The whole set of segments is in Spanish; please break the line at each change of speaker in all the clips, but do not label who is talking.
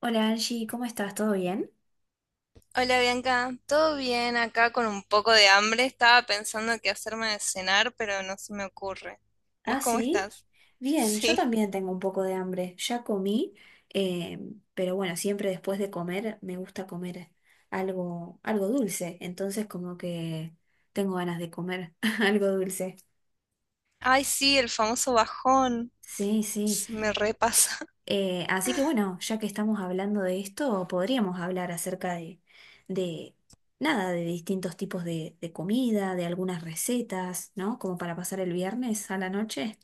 Hola Angie, ¿cómo estás? ¿Todo bien?
Hola Bianca, ¿todo bien acá con un poco de hambre? Estaba pensando qué hacerme de cenar, pero no se me ocurre. ¿Vos
Ah,
cómo
sí.
estás?
Bien, yo
Sí.
también tengo un poco de hambre. Ya comí, eh, pero bueno, siempre después de comer me gusta comer algo dulce. Entonces como que tengo ganas de comer algo dulce.
Ay, sí, el famoso bajón.
Sí, sí.
Se me repasa.
Así que bueno, ya que estamos hablando de esto, podríamos hablar acerca de nada, de distintos tipos de comida, de algunas recetas, ¿no? Como para pasar el viernes a la noche.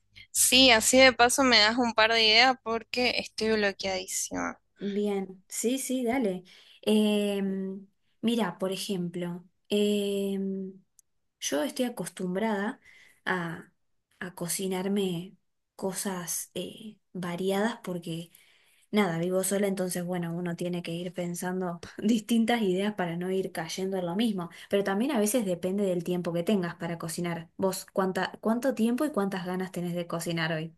Sí, así de paso me das un par de ideas porque estoy bloqueadísima.
Bien, sí, sí, dale. Em, Mira, por ejemplo, em, yo estoy acostumbrada a, a cocinarme cosas variadas porque, nada, vivo sola, entonces, bueno, uno tiene que ir pensando distintas ideas para no ir cayendo en lo mismo. Pero también a veces depende del tiempo que tengas para cocinar. Vos, ¿ cuánto tiempo y cuántas ganas tenés de cocinar hoy?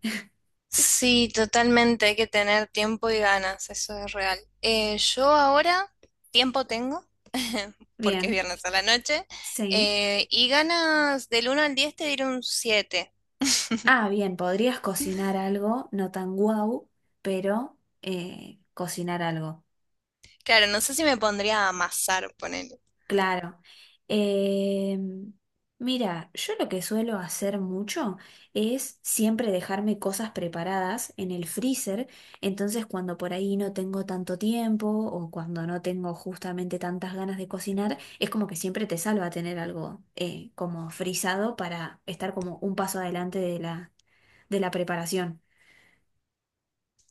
Sí, totalmente, hay que tener tiempo y ganas, eso es real. Yo ahora tiempo tengo, porque es
Bien,
viernes a la noche,
sí.
y ganas del 1 al 10 te diré un 7.
Ah, bien, podrías cocinar algo, no tan guau, pero cocinar algo,
Claro, no sé si me pondría a amasar, ponele.
claro. Eh, Mira, yo lo que suelo hacer mucho es siempre dejarme cosas preparadas en el freezer, entonces cuando por ahí no tengo tanto tiempo o cuando no tengo justamente tantas ganas de cocinar, es como que siempre te salva tener algo como frisado para estar como un paso adelante de de la preparación.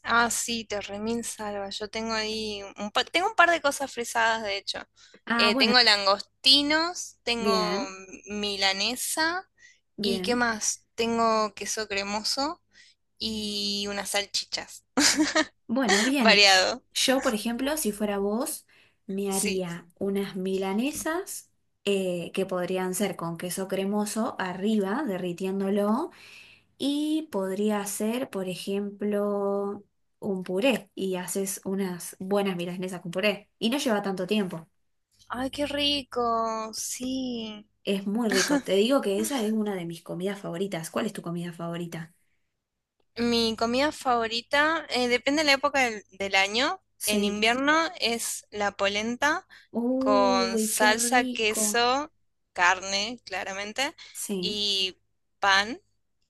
Ah, sí, te remil salva. Yo tengo ahí un pa- tengo un par de cosas frisadas, de hecho.
Ah,
Eh,
bueno,
tengo langostinos, tengo
bien.
milanesa y ¿qué
Bien,
más? Tengo queso cremoso y unas salchichas.
bueno, bien.
Variado,
Yo, por ejemplo, si fuera vos, me
sí.
haría unas milanesas que podrían ser con queso cremoso arriba, derritiéndolo, y podría ser, por ejemplo, un puré y haces unas buenas milanesas con puré. Y no lleva tanto tiempo.
Ay, qué rico, sí.
Es muy rico. Te digo que esa es una de mis comidas favoritas. ¿Cuál es tu comida favorita?
Mi comida favorita, depende de la época del año. En
Sí.
invierno es la polenta con
Uy, qué
salsa,
rico.
queso, carne, claramente,
Sí.
y pan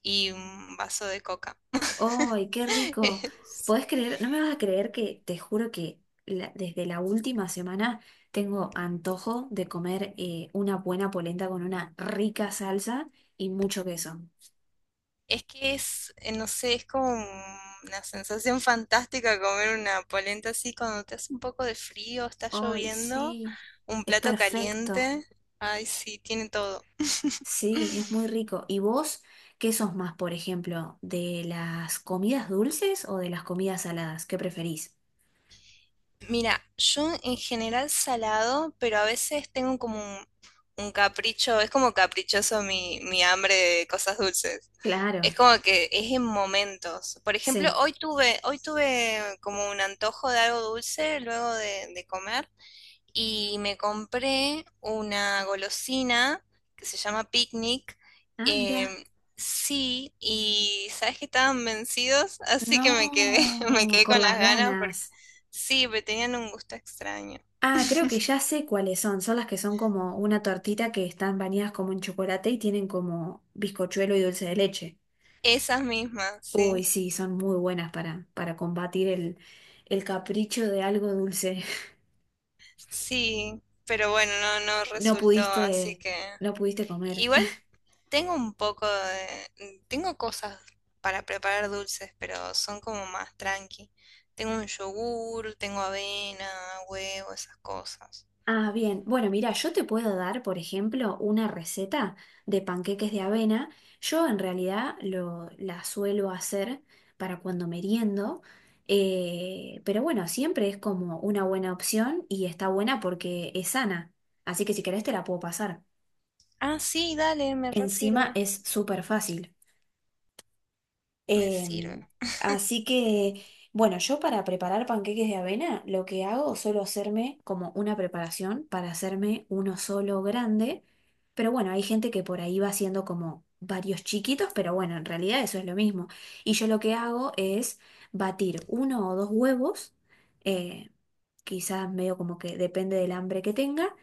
y un vaso de coca.
¡Ay, qué rico! ¿Podés creer? No me vas a creer que te juro que desde la última semana tengo antojo de comer una buena polenta con una rica salsa y mucho queso.
Es que es, no sé, es como una sensación fantástica comer una polenta así cuando te hace un poco de frío, está
¡Ay,
lloviendo,
sí!
un
Es
plato
perfecto.
caliente. Ay, sí, tiene todo.
Sí, es muy rico. ¿Y vos qué sos más, por ejemplo, de las comidas dulces o de las comidas saladas? ¿Qué preferís?
Mira, yo en general salado, pero a veces tengo como un capricho, es como caprichoso mi hambre de cosas dulces. Es
Claro,
como que es en momentos. Por ejemplo,
sí.
hoy tuve como un antojo de algo dulce luego de comer. Y me compré una golosina que se llama Picnic.
Ah, mira.
em, sí, y sabes que estaban vencidos, así que me quedé, me
No,
quedé
con
con las
las
ganas porque
ganas.
sí, pero tenían un gusto extraño.
Ah, creo que ya sé cuáles son. Son las que son como una tortita que están bañadas como en chocolate y tienen como bizcochuelo y dulce de leche.
Esas mismas,
Uy,
sí,
sí, son muy buenas para combatir el capricho de algo dulce.
sí, pero bueno, no, no
No
resultó, así
pudiste,
que
no pudiste comer.
igual Tengo un poco de... tengo cosas para preparar dulces, pero son como más tranqui. Tengo un yogur, tengo avena, huevo, esas cosas.
Ah, bien. Bueno, mira, yo te puedo dar, por ejemplo, una receta de panqueques de avena. Yo en realidad la suelo hacer para cuando meriendo, pero bueno, siempre es como una buena opción y está buena porque es sana. Así que si querés te la puedo pasar.
Ah, sí, dale, me re
Encima
sirve.
es súper fácil.
Me sirve.
Em, Así que, bueno, yo para preparar panqueques de avena, lo que hago, suelo hacerme como una preparación para hacerme uno solo grande. Pero bueno, hay gente que por ahí va haciendo como varios chiquitos, pero bueno, en realidad eso es lo mismo. Y yo lo que hago es batir uno o dos huevos, eh, quizás medio como que depende del hambre que tenga.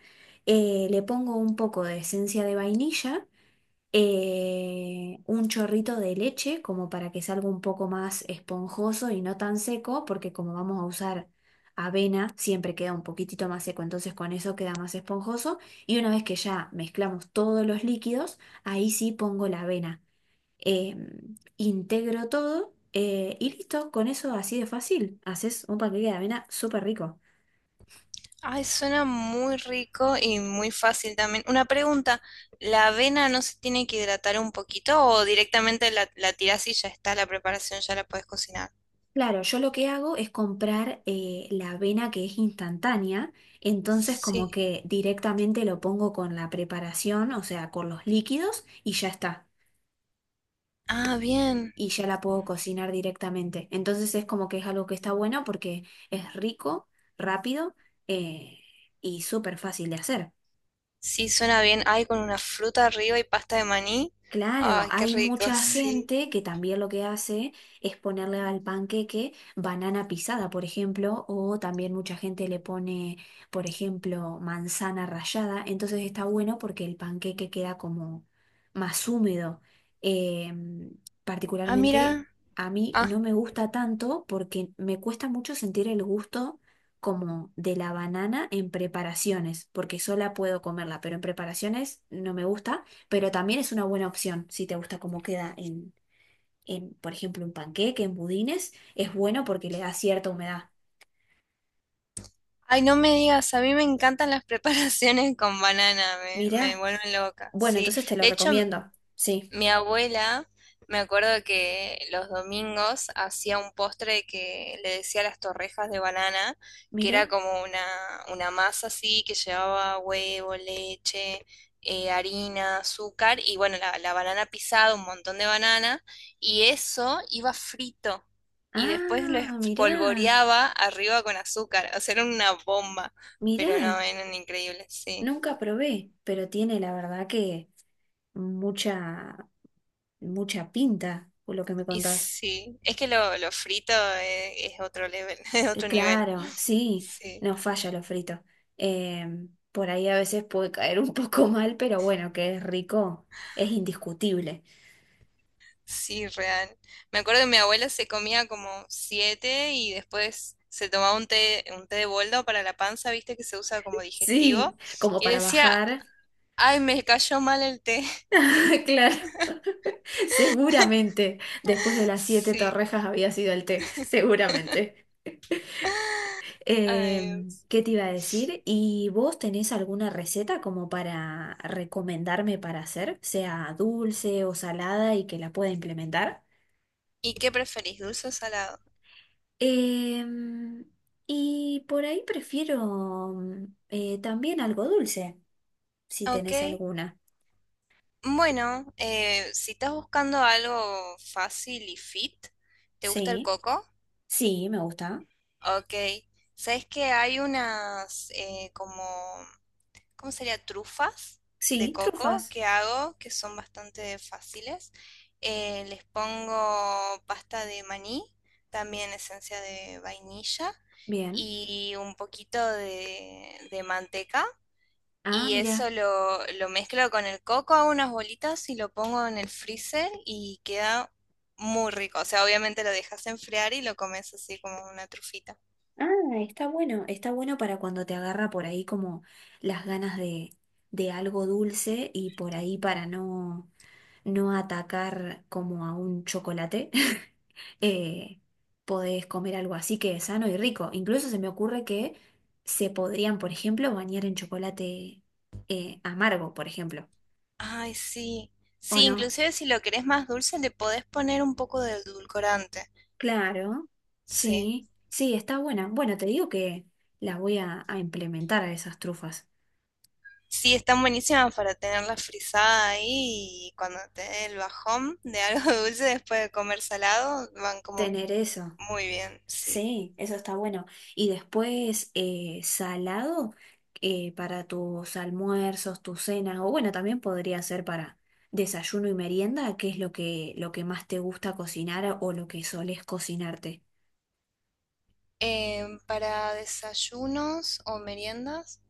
Le pongo un poco de esencia de vainilla un chorrito de leche como para que salga un poco más esponjoso y no tan seco, porque como vamos a usar avena, siempre queda un poquitito más seco, entonces con eso queda más esponjoso. Y una vez que ya mezclamos todos los líquidos, ahí sí pongo la avena. Eh, Integro todo y listo, con eso así de fácil, haces un paquete de avena súper rico.
Ay, suena muy rico y muy fácil también. Una pregunta, ¿la avena no se tiene que hidratar un poquito o directamente la tirás y ya está la preparación, ya la puedes cocinar?
Claro, yo lo que hago es comprar la avena que es instantánea, entonces como
Sí.
que directamente lo pongo con la preparación, o sea, con los líquidos y ya está.
Ah, bien.
Y ya la puedo cocinar directamente. Entonces es como que es algo que está bueno porque es rico, rápido eh, y súper fácil de hacer.
Sí, suena bien. Ay, con una fruta arriba y pasta de maní.
Claro,
Ay, qué
hay
rico,
mucha
sí.
gente que también lo que hace es ponerle al panqueque banana pisada, por ejemplo, o también mucha gente le pone, por ejemplo, manzana rallada. Entonces está bueno porque el panqueque queda como más húmedo. Eh,
Ah,
Particularmente
mira.
a mí
Ah,
no me gusta tanto porque me cuesta mucho sentir el gusto como de la banana en preparaciones, porque sola puedo comerla, pero en preparaciones no me gusta pero también es una buena opción si te gusta cómo queda en, por ejemplo, un panqueque, en budines, es bueno porque le da cierta humedad.
ay, no me digas, a mí me encantan las preparaciones con banana, me
Mirá,
vuelven loca.
bueno,
Sí,
entonces te lo
de hecho.
recomiendo, sí,
Mi abuela, me acuerdo que los domingos hacía un postre que le decía las torrejas de banana, que era
mirá,
como una masa así que llevaba huevo, leche, harina, azúcar y bueno, la banana pisada, un montón de banana, y eso iba frito y después lo
ah, mirá,
espolvoreaba arriba con azúcar, o sea, era una bomba, pero
mirá,
no, eran increíbles, sí.
nunca probé, pero tiene la verdad que mucha, mucha pinta, por lo que me
Y
contás.
sí, es que lo frito es otro level, es otro nivel.
Claro, sí,
Sí,
no falla lo frito. Por ahí a veces puede caer un poco mal, pero bueno, que es rico, es indiscutible.
sí, real. Me acuerdo que mi abuela se comía como siete y después se tomaba un té de boldo para la panza, viste que se usa como digestivo.
Sí, como
Y
para
decía,
bajar.
ay, me cayó mal el té.
Claro, seguramente después de las siete
Sí,
torrejas había sido el té, seguramente.
ay,
Em,
Dios.
¿qué te iba a decir? ¿Y vos tenés alguna receta como para recomendarme para hacer, sea dulce o salada y que la pueda implementar?
¿Y qué preferís, dulce o salado?
Em, y por ahí prefiero también algo dulce, si
Ah,
tenés
ok,
alguna.
bueno, si estás buscando algo fácil y fit, ¿te gusta el
Sí,
coco?
sí, me gusta.
Ok. ¿Sabes que hay unas como, ¿cómo sería? Trufas de
Sí,
coco
trufas.
que hago que son bastante fáciles. Les pongo pasta de maní, también esencia de vainilla
Bien.
y un poquito de manteca.
Ah,
Y eso
mira.
lo mezclo con el coco, hago unas bolitas y lo pongo en el freezer y queda muy rico. O sea, obviamente lo dejas enfriar y lo comes así como una trufita.
Ah, está bueno. Está bueno para cuando te agarra por ahí como las ganas de algo dulce y por ahí para no, no atacar como a un chocolate. eh, Podés comer algo así que es sano y rico. Incluso se me ocurre que se podrían, por ejemplo, bañar en chocolate amargo, por ejemplo.
Ay, sí.
¿O
Sí,
no?
inclusive si lo querés más dulce, le podés poner un poco de edulcorante.
Claro.
Sí.
Sí, sí, está buena. Bueno, te digo que las voy a implementar a esas trufas.
Sí, están buenísimas para tenerla frisada ahí y cuando te dé el bajón de algo dulce después de comer salado, van como
Tener eso.
muy bien, sí.
Sí, eso está bueno. Y después salado para tus almuerzos, tus cenas, o bueno, también podría ser para desayuno y merienda, que es lo que más te gusta cocinar o lo que solés cocinarte.
Para desayunos o meriendas.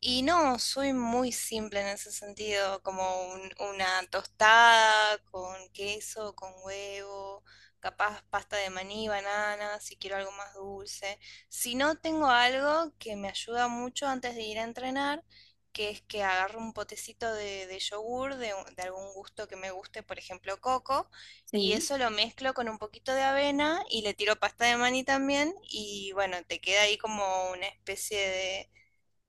Y no, soy muy simple en ese sentido, como una tostada con queso, con huevo, capaz pasta de maní, banana, si quiero algo más dulce. Si no, tengo algo que me ayuda mucho antes de ir a entrenar, que es que agarro un potecito de yogur de algún gusto que me guste, por ejemplo, coco, y
Sí.
eso lo mezclo con un poquito de avena y le tiro pasta de maní también, y bueno, te queda ahí como una especie de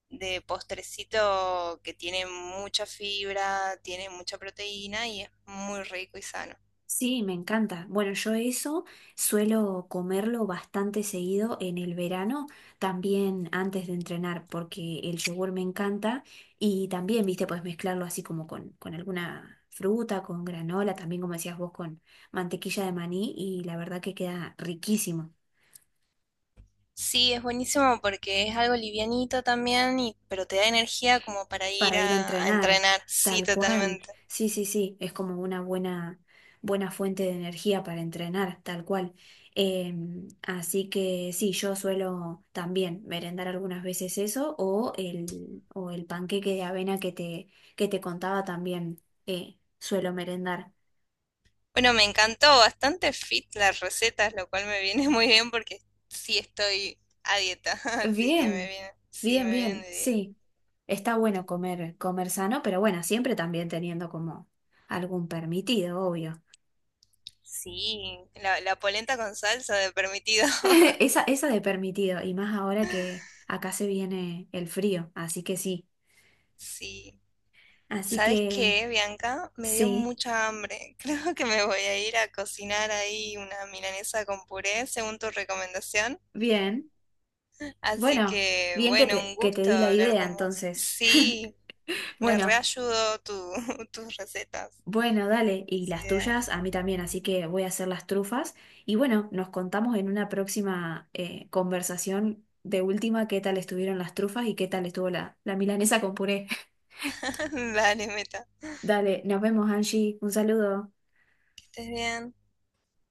de postrecito que tiene mucha fibra, tiene mucha proteína y es muy rico y sano.
Sí, me encanta. Bueno, yo eso suelo comerlo bastante seguido en el verano, también antes de entrenar, porque el yogur me encanta y también, viste, puedes mezclarlo así como con alguna fruta, con granola, también como decías vos, con mantequilla de maní y la verdad que queda riquísimo.
Sí, es buenísimo porque es algo livianito también, pero te da energía como para ir
Para ir a
a
entrenar,
entrenar. Sí,
tal cual.
totalmente.
Sí, sí, sí, es como una buena, buena fuente de energía para entrenar, tal cual. Así que sí, yo suelo también merendar algunas veces eso o el panqueque de avena que te contaba también suelo merendar.
Bueno, me encantó bastante fit las recetas, lo cual me viene muy bien porque sí estoy a dieta, así que me
Bien,
viene, sí,
bien,
me vienen
bien,
de dieta.
sí. Está bueno comer, comer sano, pero bueno, siempre también teniendo como algún permitido, obvio.
Sí, la polenta con salsa de permitido.
Esa de permitido, y más ahora que acá se viene el frío, así que sí.
Sí.
Así
¿Sabes
que
qué, Bianca? Me dio
sí,
mucha hambre. Creo que me voy a ir a cocinar ahí una milanesa con puré, según tu recomendación.
bien.
Así
Bueno,
que,
bien
bueno, un
que te
gusto
di la
hablar
idea
con vos.
entonces.
Sí, me
Bueno,
reayudó tu, tus recetas,
bueno, dale, y
tus
las
ideas.
tuyas a mí también, así que voy a hacer las trufas. Y bueno, nos contamos en una próxima conversación de última qué tal estuvieron las trufas y qué tal estuvo la milanesa con puré.
Vale, Meta.
Dale, nos vemos, Angie. Un saludo.
Que estés bien.